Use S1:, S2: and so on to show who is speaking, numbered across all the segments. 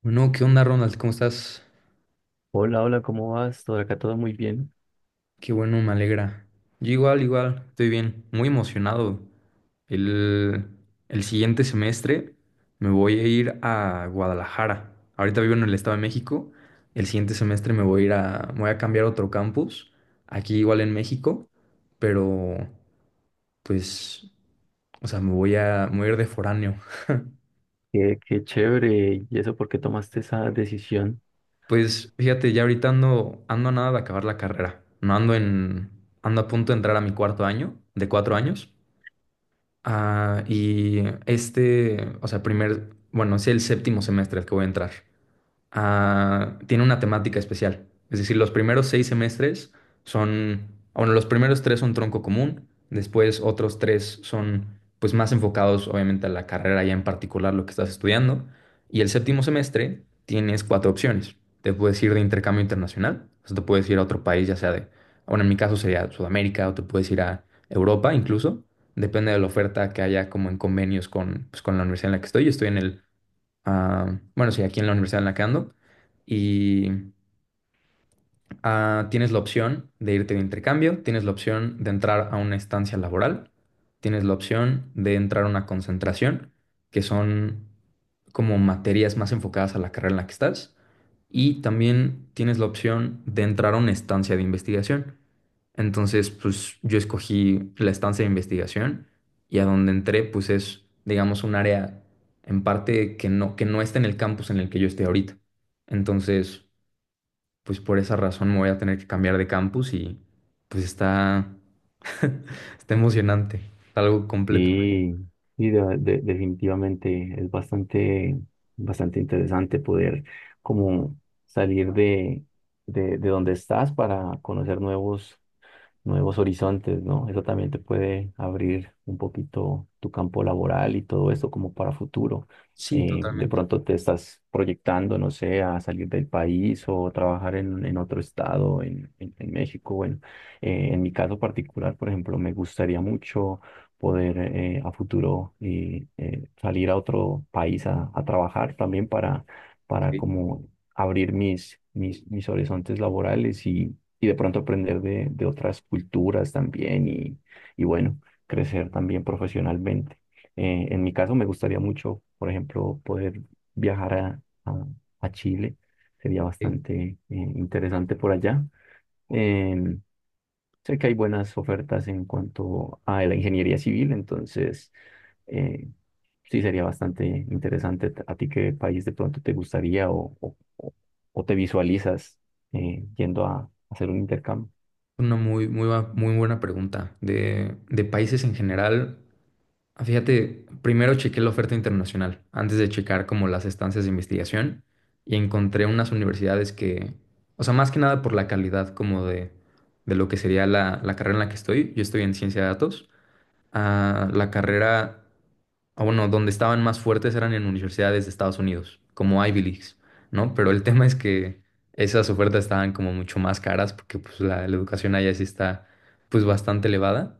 S1: Bueno, ¿qué onda, Ronald? ¿Cómo estás?
S2: Hola, hola, ¿cómo vas? Todo acá todo muy bien.
S1: Qué bueno, me alegra. Yo igual, igual, estoy bien, muy emocionado. El, el siguiente semestre me voy a ir a Guadalajara. Ahorita vivo en el Estado de México. El siguiente semestre me voy a cambiar a otro campus, aquí igual en México, pero pues, o sea, me voy a ir de foráneo.
S2: Qué chévere. ¿Y eso por qué tomaste esa decisión?
S1: Pues fíjate, ya ahorita ando a nada de acabar la carrera. No ando en, Ando a punto de entrar a mi cuarto año, de cuatro años. Y este, o sea, bueno, es el séptimo semestre al que voy a entrar, tiene una temática especial. Es decir, los primeros seis semestres son, bueno, los primeros tres son tronco común, después otros tres son pues más enfocados obviamente a la carrera ya en particular lo que estás estudiando, y el séptimo semestre tienes cuatro opciones. Te puedes ir de intercambio internacional, o sea, te puedes ir a otro país, ya sea de, bueno, en mi caso sería Sudamérica, o te puedes ir a Europa incluso, depende de la oferta que haya como en convenios con la universidad en la que estoy. Yo estoy bueno, sí, aquí en la Universidad de la que y, tienes la opción de irte de intercambio, tienes la opción de entrar a una estancia laboral, tienes la opción de entrar a una concentración, que son como materias más enfocadas a la carrera en la que estás, y también tienes la opción de entrar a una estancia de investigación. Entonces, pues yo escogí la estancia de investigación y a donde entré, pues es, digamos, un área en parte que no está en el campus en el que yo estoy ahorita. Entonces, pues por esa razón me voy a tener que cambiar de campus y pues está, está emocionante, algo completo.
S2: Sí, sí, definitivamente es bastante, bastante interesante poder como salir de donde estás para conocer nuevos, nuevos horizontes, ¿no? Eso también te puede abrir un poquito tu campo laboral y todo eso como para futuro.
S1: Sí,
S2: De
S1: totalmente.
S2: pronto te estás proyectando, no sé, a salir del país o trabajar en otro estado, en México. Bueno, en mi caso particular, por ejemplo, me gustaría mucho poder a futuro salir a otro país a trabajar también
S1: Ok,
S2: para como abrir mis horizontes laborales y de pronto aprender de otras culturas también y bueno, crecer también profesionalmente. En mi caso me gustaría mucho, por ejemplo, poder viajar a Chile. Sería
S1: ok.
S2: bastante interesante por allá. Em, Sé que hay buenas ofertas en cuanto a la ingeniería civil, entonces eh, sí sería bastante interesante. ¿A ti qué país de pronto te gustaría o te visualizas yendo a hacer un intercambio?
S1: Una muy, muy, muy buena pregunta. De países en general, fíjate, primero chequé la oferta internacional antes de checar como las estancias de investigación y encontré unas universidades que, o sea, más que nada por la calidad como de lo que sería la carrera en la que estoy. Yo estoy en ciencia de datos. La carrera, bueno, donde estaban más fuertes eran en universidades de Estados Unidos, como Ivy Leagues, ¿no? Pero el tema es que esas ofertas estaban como mucho más caras porque pues la educación allá sí está pues bastante elevada.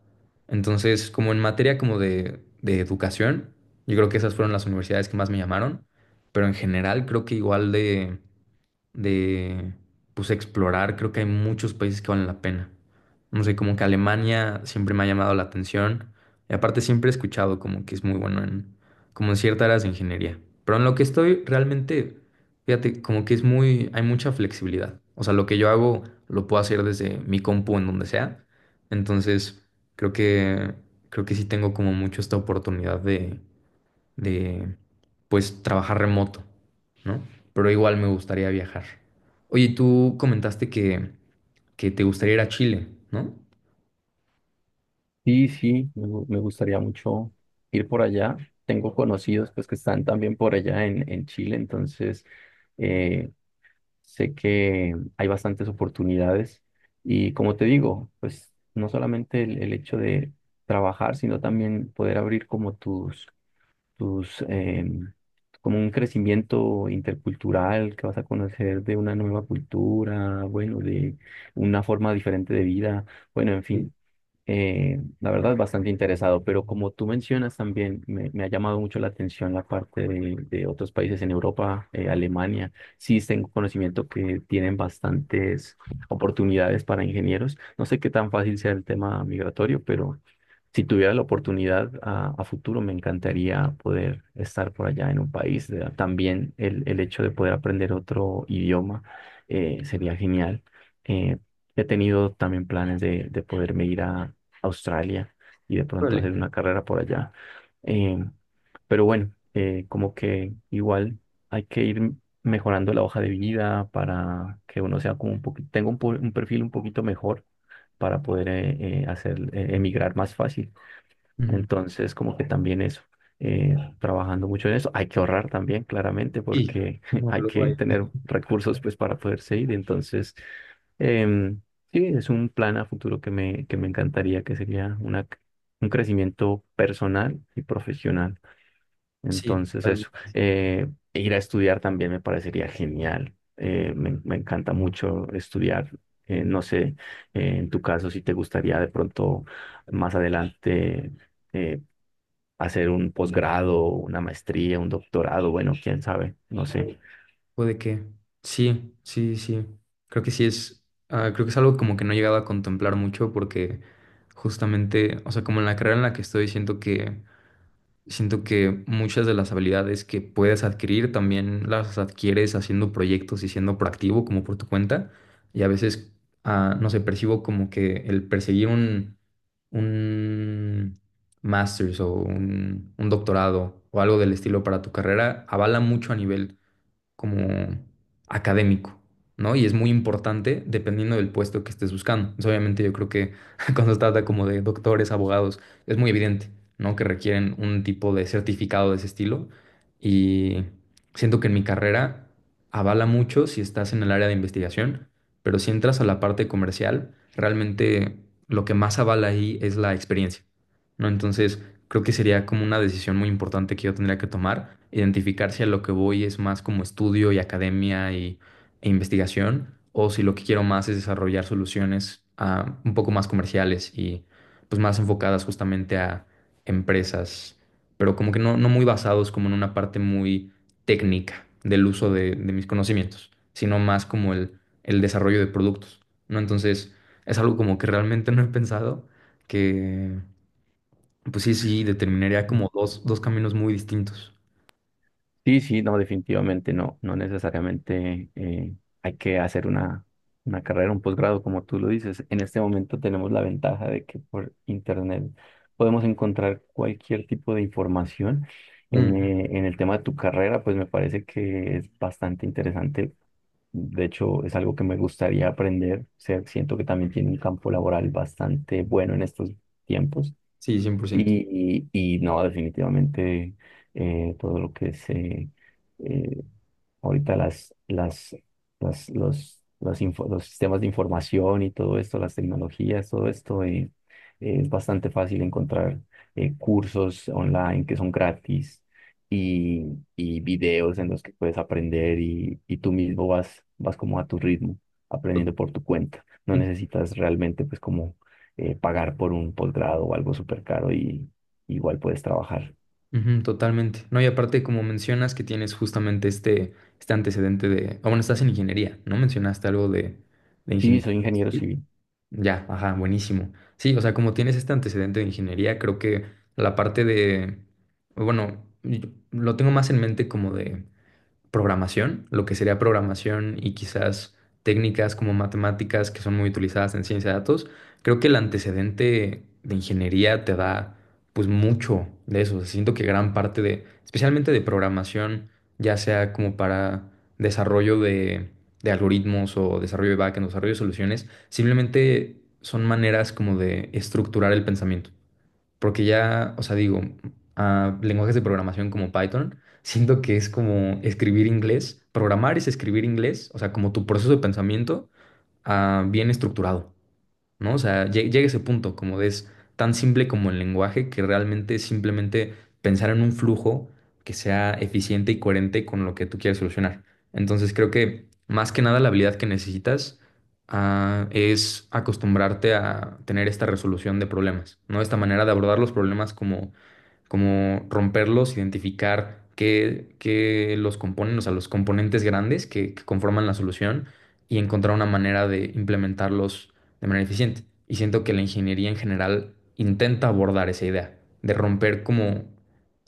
S1: Entonces, como en materia como de educación, yo creo que esas fueron las universidades que más me llamaron, pero en general creo que igual de de pues explorar. Creo que hay muchos países que valen la pena. No sé, como que Alemania siempre me ha llamado la atención. Y aparte siempre he escuchado como que es muy bueno en como en ciertas áreas de ingeniería. Pero en lo que estoy realmente, fíjate, como que es muy, hay mucha flexibilidad. O sea, lo que yo hago lo puedo hacer desde mi compu en donde sea. Entonces, creo que creo que sí tengo como mucho esta oportunidad de de pues trabajar remoto, ¿no? Pero igual me gustaría viajar. Oye, tú comentaste que te gustaría ir a Chile, ¿no?
S2: Sí, sí, me gustaría mucho ir por allá. Tengo conocidos pues que están también por allá en Chile, entonces eh, sé que hay bastantes oportunidades. Y como te digo, pues no solamente el hecho de trabajar, sino también poder abrir como tus como un crecimiento intercultural, que vas a conocer de una nueva cultura, bueno, de una forma diferente de vida, bueno, en
S1: Sí.
S2: fin. La verdad, bastante interesado, pero como tú mencionas también, me ha llamado mucho la atención la parte de otros países en Europa, Alemania. Sí, tengo conocimiento que tienen bastantes oportunidades para ingenieros. No sé qué tan fácil sea el tema migratorio, pero si tuviera la oportunidad a futuro, me encantaría poder estar por allá en un país. También el hecho de poder aprender otro idioma sería genial. Eh, He tenido también planes de poderme ir a Australia y de pronto hacer
S1: Órale.
S2: una carrera por allá. Eh, pero bueno, como que igual hay que ir mejorando la hoja de vida para que uno sea como un poquito, tenga un perfil un poquito mejor para poder hacer emigrar más fácil.
S1: Ujú.
S2: Entonces, como que también eso, trabajando mucho en eso. Hay que ahorrar también, claramente,
S1: Sí.
S2: porque
S1: No,
S2: hay
S1: luego
S2: que
S1: hay-
S2: tener recursos pues para poderse ir. Entonces, em, sí, es un plan a futuro que me encantaría, que sería una, un crecimiento personal y profesional.
S1: Sí,
S2: Entonces, eso.
S1: totalmente.
S2: Ir a estudiar también me parecería genial. Me, me encanta mucho estudiar. No sé, en tu caso, si te gustaría de pronto más adelante eh, hacer un posgrado, una maestría, un doctorado, bueno, quién sabe, no sé.
S1: Puede que. Sí, sí, sí. Creo que sí es. Creo que es algo como que no he llegado a contemplar mucho porque justamente, o sea, como en la carrera en la que estoy, siento que muchas de las habilidades que puedes adquirir también las adquieres haciendo proyectos y siendo proactivo como por tu cuenta. Y a veces, no sé, percibo como que el perseguir un, master's o un doctorado o algo del estilo para tu carrera avala mucho a nivel como académico, ¿no? Y es muy importante dependiendo del puesto que estés buscando. Entonces, obviamente yo creo que cuando se trata como de doctores, abogados, es muy evidente, ¿no? Que requieren un tipo de certificado de ese estilo y siento que en mi carrera avala mucho si estás en el área de investigación, pero si entras a la parte comercial, realmente lo que más avala ahí es la experiencia, ¿no? Entonces, creo que sería como una decisión muy importante que yo tendría que tomar, identificar si a lo que voy es más como estudio y academia e investigación, o si lo que quiero más es desarrollar soluciones un poco más comerciales y pues más enfocadas justamente a empresas, pero como que no muy basados como en una parte muy técnica del uso de mis conocimientos, sino más como el desarrollo de productos, ¿no? Entonces, es algo como que realmente no he pensado que pues sí, sí, determinaría como dos caminos muy distintos.
S2: Sí, sí, no, definitivamente no, no necesariamente hay que hacer una carrera, un posgrado, como tú lo dices. En este momento tenemos la ventaja de que por internet podemos encontrar cualquier tipo de información.
S1: Mm,
S2: En el tema de tu carrera, pues me parece que es bastante interesante. De hecho, es algo que me gustaría aprender. O sea, siento que también tiene un campo laboral bastante bueno en estos tiempos.
S1: sí, 100%.
S2: Y no, definitivamente todo lo que es eh, ahorita las, los, info- los sistemas de información y todo esto, las tecnologías, todo esto, es bastante fácil encontrar cursos online que son gratis y, y videos en los que puedes aprender y tú mismo vas, vas como a tu ritmo,
S1: To-
S2: aprendiendo por tu cuenta. No necesitas realmente pues como pagar por un posgrado o algo súper caro y igual puedes trabajar.
S1: Ujú, totalmente. No, y aparte, como mencionas que tienes justamente este antecedente de... Ah, bueno, estás en ingeniería, ¿no? Mencionaste algo de
S2: Sí,
S1: ingeniería
S2: soy ingeniero
S1: civil.
S2: civil.
S1: Ya, ajá, buenísimo. Sí, o sea, como tienes este antecedente de ingeniería, creo que la parte de... Bueno, yo lo tengo más en mente como de programación, lo que sería programación y quizás técnicas como matemáticas que son muy utilizadas en ciencia de datos, creo que el antecedente de ingeniería te da pues mucho de eso. O sea, siento que gran parte de, especialmente de programación, ya sea como para desarrollo de algoritmos o desarrollo de backend, desarrollo de soluciones, simplemente son maneras como de estructurar el pensamiento. Porque ya, o sea, digo, a lenguajes de programación como Python, siento que es como escribir inglés. Programar es escribir inglés, o sea, como tu proceso de pensamiento, bien estructurado, ¿no? O sea, llega ese punto, como de es tan simple como el lenguaje, que realmente es simplemente pensar en un flujo que sea eficiente y coherente con lo que tú quieres solucionar. Entonces, creo que más que nada la habilidad que necesitas, es acostumbrarte a tener esta resolución de problemas, ¿no? Esta manera de abordar los problemas como romperlos, identificar qué los componen, o sea, los componentes grandes que conforman la solución y encontrar una manera de implementarlos de manera eficiente. Y siento que la ingeniería en general intenta abordar esa idea de romper como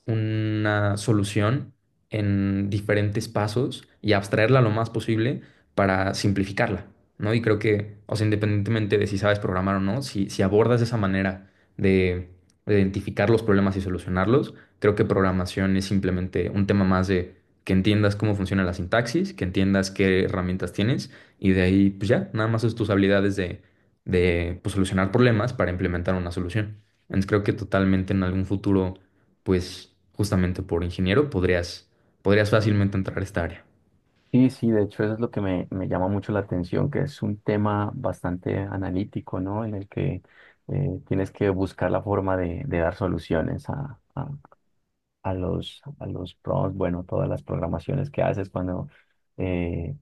S1: una solución en diferentes pasos y abstraerla lo más posible para simplificarla, ¿no? Y creo que, o sea, independientemente de si sabes programar o no, si abordas de esa manera de identificar los problemas y solucionarlos. Creo que programación es simplemente un tema más de que entiendas cómo funciona la sintaxis, que entiendas qué herramientas tienes y de ahí pues ya, nada más es tus habilidades de pues, solucionar problemas para implementar una solución. Entonces creo que totalmente en algún futuro, pues justamente por ingeniero podrías fácilmente entrar a esta área.
S2: Sí, sí, de hecho eso es lo que me llama mucho la atención, que es un tema bastante analítico, ¿no? En el que tienes que buscar la forma de dar soluciones a los prompts, bueno, todas las programaciones que haces cuando eh,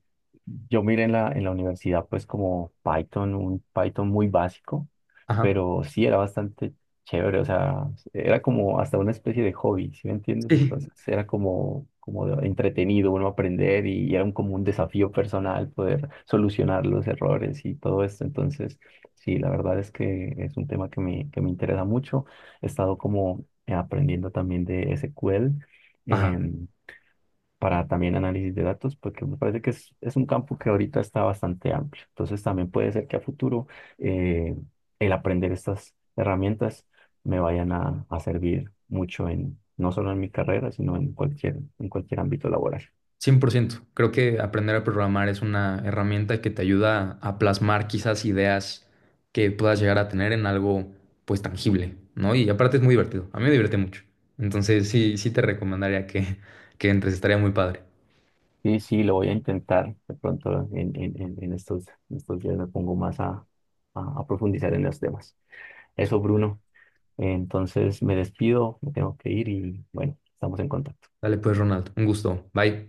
S2: yo miré en la universidad pues como Python, un Python muy básico,
S1: Ajá.
S2: pero sí era bastante chévere, o sea, era como hasta una especie de hobby, ¿sí me entiendes?
S1: Sí.
S2: Entonces era como, entretenido uno aprender y era un, como un desafío personal poder solucionar los errores y todo esto, entonces sí, la verdad es que es un tema que me interesa mucho, he estado como aprendiendo también de SQL
S1: Ajá.
S2: em, para también análisis de datos, porque me parece que es un campo que ahorita está bastante amplio. Entonces también puede ser que a futuro eh, el aprender estas herramientas me vayan a servir mucho en, no solo en mi carrera, sino en cualquier ámbito laboral.
S1: 100%. Creo que aprender a programar es una herramienta que te ayuda a plasmar quizás ideas que puedas llegar a tener en algo pues tangible, ¿no? Y aparte es muy divertido. A mí me divierte mucho. Entonces sí, sí te recomendaría que entres. Estaría muy padre.
S2: Sí, sí, lo voy a intentar. De pronto en estos, en estos días me pongo más a profundizar en los temas. Eso, Bruno, entonces me despido, me tengo que ir y bueno, estamos en contacto.
S1: Dale pues, Ronald. Un gusto. Bye.